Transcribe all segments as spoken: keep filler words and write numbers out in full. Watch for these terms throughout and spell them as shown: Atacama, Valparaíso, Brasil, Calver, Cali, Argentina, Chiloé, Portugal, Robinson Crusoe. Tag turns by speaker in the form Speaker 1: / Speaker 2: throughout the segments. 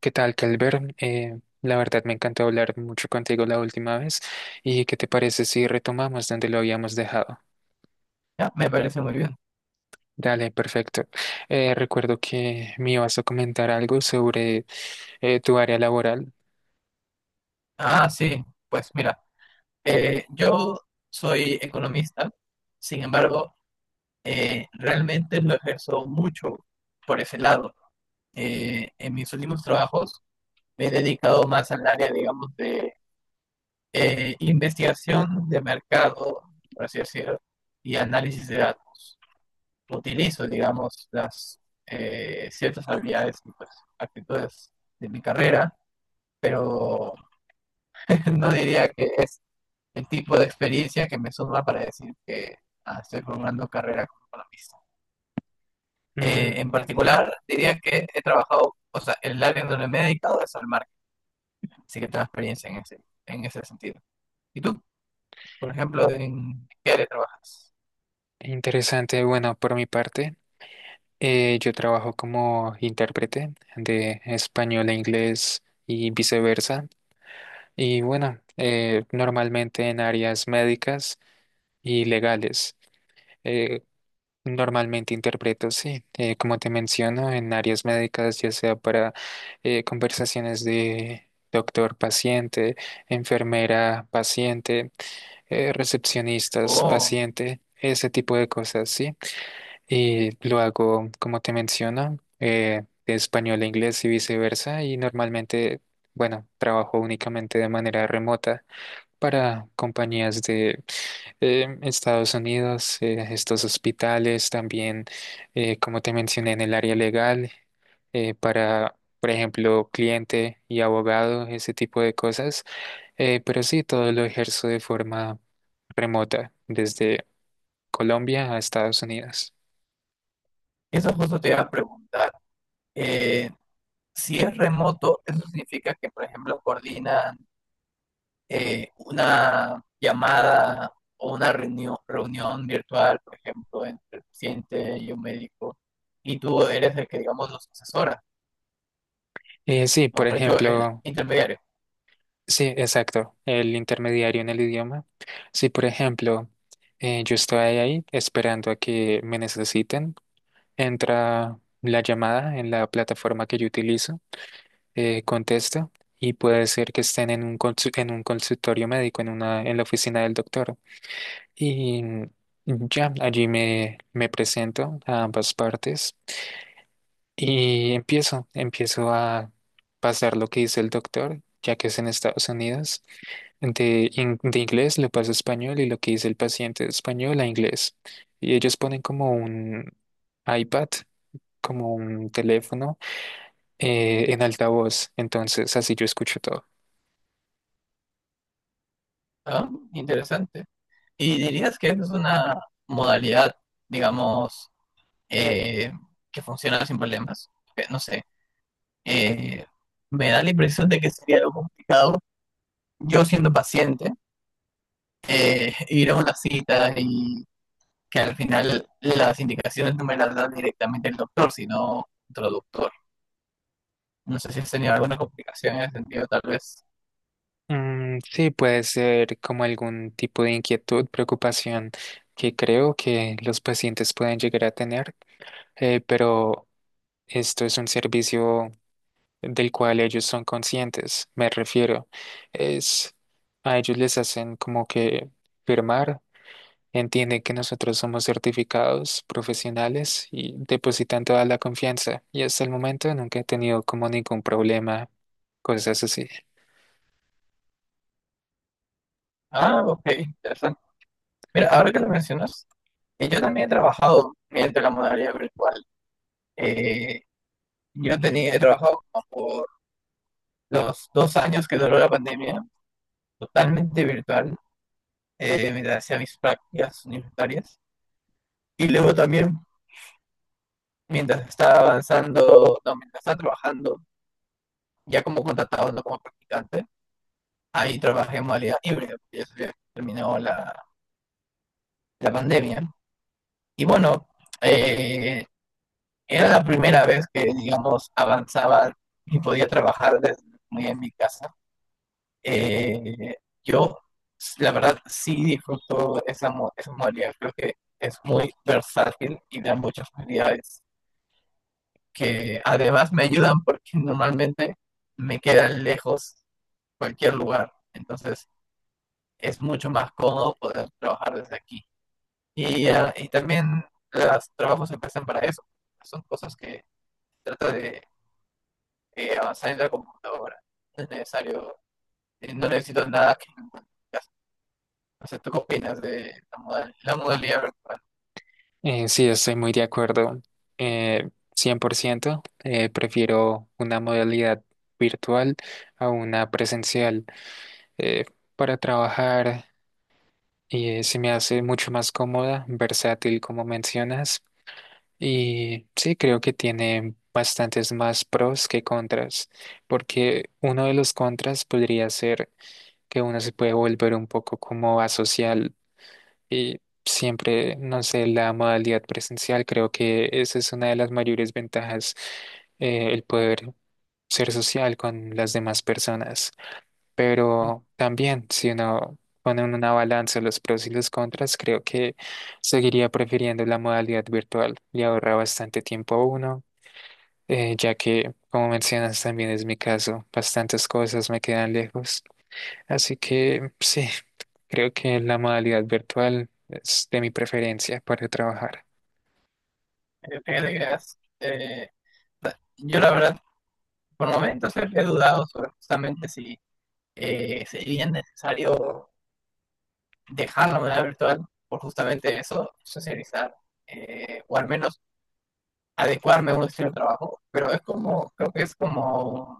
Speaker 1: ¿Qué tal, Calver? Eh, la verdad me encantó hablar mucho contigo la última vez. ¿Y qué te parece si retomamos donde lo habíamos dejado?
Speaker 2: Ya, me parece muy bien.
Speaker 1: Dale, perfecto. Eh, recuerdo que me ibas a comentar algo sobre eh, tu área laboral.
Speaker 2: Ah, sí, pues mira, eh, yo soy economista. Sin embargo, eh, realmente lo ejerzo mucho por ese lado. Eh, en mis últimos trabajos me he dedicado más al área, digamos, de eh, investigación de mercado, por así decirlo, y análisis de datos. Utilizo, digamos, las eh, ciertas habilidades y, pues, actitudes de mi carrera, pero no diría que es el tipo de experiencia que me suma para decir que ah, estoy formando carrera como economista.
Speaker 1: Mm,
Speaker 2: Eh, en
Speaker 1: entiendo.
Speaker 2: particular, diría que he trabajado, o sea, el área donde me he dedicado es al marketing, así que tengo experiencia en ese, en ese sentido. ¿Y tú, por ejemplo, en qué área trabajas?
Speaker 1: Interesante. Bueno, por mi parte, eh, yo trabajo como intérprete de español a inglés y viceversa. Y bueno, eh, normalmente en áreas médicas y legales. Eh, Normalmente interpreto, sí. Eh, como te menciono, en áreas médicas, ya sea para eh, conversaciones de doctor-paciente, enfermera-paciente, eh,
Speaker 2: Oh,
Speaker 1: recepcionistas-paciente, ese tipo de cosas, sí. Y lo hago, como te menciono, eh, de español a inglés y viceversa. Y normalmente, bueno, trabajo únicamente de manera remota para compañías em, Estados Unidos, eh, estos hospitales también, eh, como te mencioné, en el área legal, eh, para, por ejemplo, cliente y abogado, ese tipo de cosas. Eh, pero sí, todo lo ejerzo de forma remota, desde Colombia a Estados Unidos.
Speaker 2: eso justo te iba a preguntar. Eh, si es remoto, eso significa que, por ejemplo, coordinan eh, una llamada o una reunión, reunión virtual, por ejemplo, entre el paciente y un médico, y tú eres el que, digamos, los asesora,
Speaker 1: Eh, sí,
Speaker 2: o
Speaker 1: por
Speaker 2: mejor dicho, el
Speaker 1: ejemplo,
Speaker 2: intermediario.
Speaker 1: sí, exacto, el intermediario en el idioma. Sí, por ejemplo, eh, yo estoy ahí esperando a que me necesiten. Entra la llamada en la plataforma que yo utilizo, eh, contesta y puede ser que estén en un, consu- en un consultorio médico, en una, en la oficina del doctor. Y ya, allí me, me presento a ambas partes y empiezo, empiezo a pasar lo que dice el doctor, ya que es en Estados Unidos. De, in- de inglés lo paso a español y lo que dice el paciente de español a inglés. Y ellos ponen como un iPad como un teléfono eh, en altavoz, entonces así yo escucho todo.
Speaker 2: Ah, interesante. ¿Y dirías que esa es una modalidad, digamos, eh, que funciona sin problemas? Eh, No sé, eh, me da la impresión de que sería algo complicado yo siendo paciente, eh, ir a una cita y que al final las indicaciones no me las da directamente el doctor, sino traductor. No sé si has tenido alguna complicación en ese sentido, tal vez.
Speaker 1: Mm, sí, puede ser como algún tipo de inquietud, preocupación que creo que los pacientes pueden llegar a tener, eh, pero esto es un servicio del cual ellos son conscientes, me refiero. Es a ellos les hacen como que firmar, entienden que nosotros somos certificados profesionales y depositan toda la confianza. Y hasta el momento nunca he tenido como ningún problema, cosas así.
Speaker 2: Ah, ok, interesante. Mira, ahora que lo mencionas, eh, yo también he trabajado mediante la modalidad virtual. Eh, yo tenía, he trabajado como por los dos años que duró la pandemia, totalmente virtual, eh, mientras hacía mis prácticas universitarias. Y luego también, mientras estaba avanzando, no, mientras estaba trabajando, ya como contratado, no como practicante, ahí trabajé en modalidad híbrida, porque ya se había terminado la, la pandemia. Y bueno, eh, era la primera vez que, digamos, avanzaba y podía trabajar desde muy en mi casa. Eh, yo, la verdad, sí disfruto esa, esa modalidad. Creo que es muy versátil y da muchas facilidades que además me ayudan porque normalmente me quedan lejos cualquier lugar. Entonces, es mucho más cómodo poder trabajar desde aquí. Y, ah, y también los trabajos empiezan para eso. Son cosas que trata de eh, avanzar en la computadora. No es necesario, eh, no necesito nada que, o sea, ¿tú qué opinas de la modal- la modalidad virtual?
Speaker 1: Eh, sí, estoy muy de acuerdo. Eh, cien por ciento, eh, prefiero una modalidad virtual a una presencial eh, para trabajar y eh, se me hace mucho más cómoda, versátil como mencionas, y sí creo que tiene bastantes más pros que contras, porque uno de los contras podría ser que uno se puede volver un poco como asocial y siempre, no sé, la modalidad presencial, creo que esa es una de las mayores ventajas, eh, el poder ser social con las demás personas. Pero también, si uno pone en una balanza los pros y los contras, creo que seguiría prefiriendo la modalidad virtual. Le ahorra bastante tiempo a uno, eh, ya que, como mencionas, también es mi caso, bastantes cosas me quedan lejos. Así que sí, creo que la modalidad virtual es de mi preferencia para trabajar.
Speaker 2: Eh, fíjate que es, eh, da- Yo, la verdad, por momentos he he dudado sobre justamente si eh, sería necesario dejar la modalidad virtual por justamente eso, socializar, eh, o al menos adecuarme a un estilo de trabajo, pero es como, creo que es como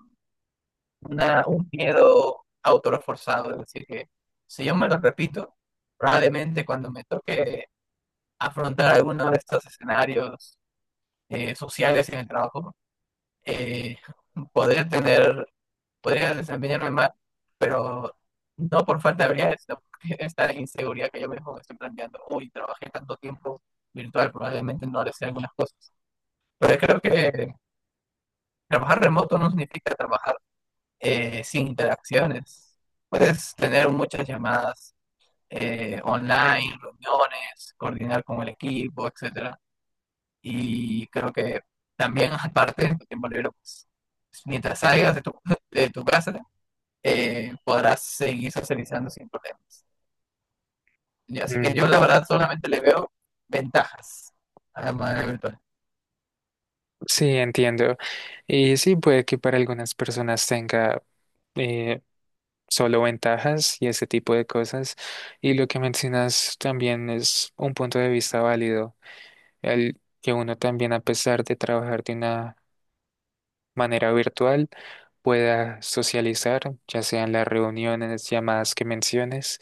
Speaker 2: una, un miedo autoreforzado, es decir, que si yo me lo repito, probablemente cuando me toque afrontar alguno de estos escenarios eh, sociales en el trabajo, eh, podría tener, podría desempeñarme mal, pero no por falta de habilidades, sino por esta inseguridad que yo mismo me estoy planteando. Uy, trabajé tanto tiempo virtual, probablemente no le sé algunas cosas. Pero creo que trabajar remoto no significa trabajar eh, sin interacciones. Puedes tener muchas llamadas eh, online, reuniones, coordinar con el equipo, etcétera. Y creo que también, aparte, en tu tiempo libre, pues, mientras salgas de tu, de tu casa, eh, podrás seguir socializando sin problemas. Y así que
Speaker 1: Mm,
Speaker 2: yo, la verdad, solamente le veo ventajas a la manera virtual.
Speaker 1: sí, entiendo. Y sí, puede que para algunas personas tenga eh, solo ventajas y ese tipo de cosas. Y lo que mencionas también es un punto de vista válido, el que uno también, a pesar de trabajar de una manera virtual, pueda socializar, ya sean las reuniones, llamadas que menciones.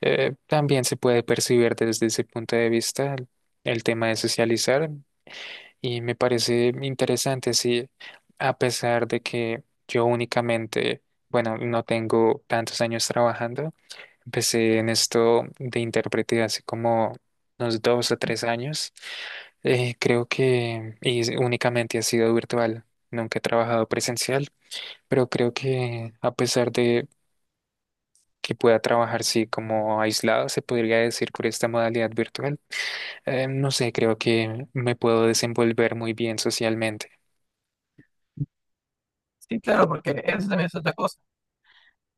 Speaker 1: Eh, también se puede percibir desde ese punto de vista el el tema de socializar y me parece interesante, sí, a pesar de que yo únicamente, bueno, no tengo tantos años trabajando. Empecé en esto de intérprete hace como unos dos o tres años. Eh, creo que y es- únicamente ha sido virtual. Nunca he trabajado presencial, pero creo que a pesar de que pueda trabajar, sí, como aislado, se podría decir por esta modalidad virtual, eh, no sé, creo que me puedo desenvolver muy bien socialmente.
Speaker 2: Sí, claro, porque eso también es otra cosa.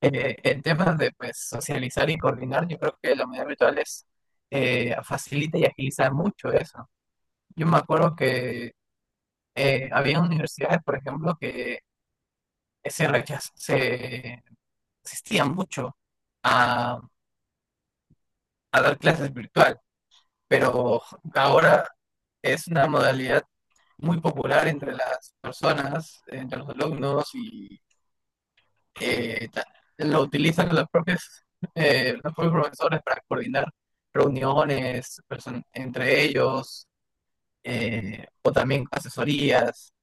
Speaker 2: Eh, en temas de, pues, socializar y coordinar, yo creo que la medida virtual es, eh, facilita y agiliza mucho eso. Yo me acuerdo que eh, había universidades, por ejemplo, que se rechaz- se resistían mucho a, a dar clases virtual, pero ahora es una modalidad muy popular entre las personas, entre los alumnos y eh, ta- lo utilizan los propios, eh, los propios profesores para coordinar reuniones person- entre ellos eh, o también asesorías.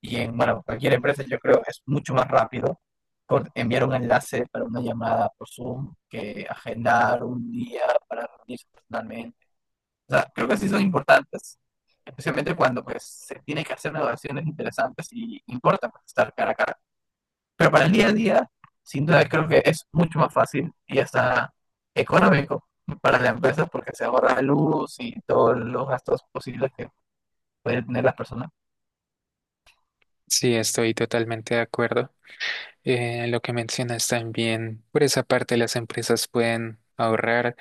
Speaker 2: Y en, bueno, cualquier empresa yo creo que es mucho más rápido por enviar un enlace para una llamada por Zoom que agendar un día para reunirse personalmente. O sea, creo que sí son importantes, especialmente cuando, pues, se tiene que hacer negociaciones interesantes y importa, pues, estar cara a cara. Pero para el día a día, sin duda creo que es mucho más fácil y hasta económico para la empresa, porque se ahorra luz y todos los gastos posibles que pueden tener las personas.
Speaker 1: Sí, estoy totalmente de acuerdo. Eh, lo que mencionas también, por esa parte las empresas pueden ahorrar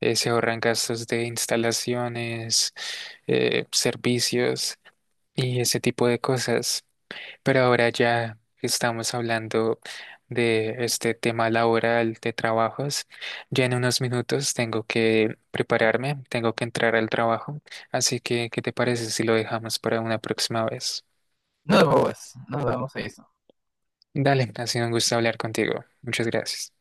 Speaker 1: eh, se ahorran gastos de instalaciones, eh, servicios y ese tipo de cosas. Pero ahora ya que estamos hablando de este tema laboral de trabajos. Ya en unos minutos tengo que prepararme, tengo que entrar al trabajo. Así que, ¿qué te parece si lo dejamos para una próxima vez?
Speaker 2: Nos vemos, nos vemos, eso.
Speaker 1: Dale, ha sido un gusto hablar contigo. Muchas gracias.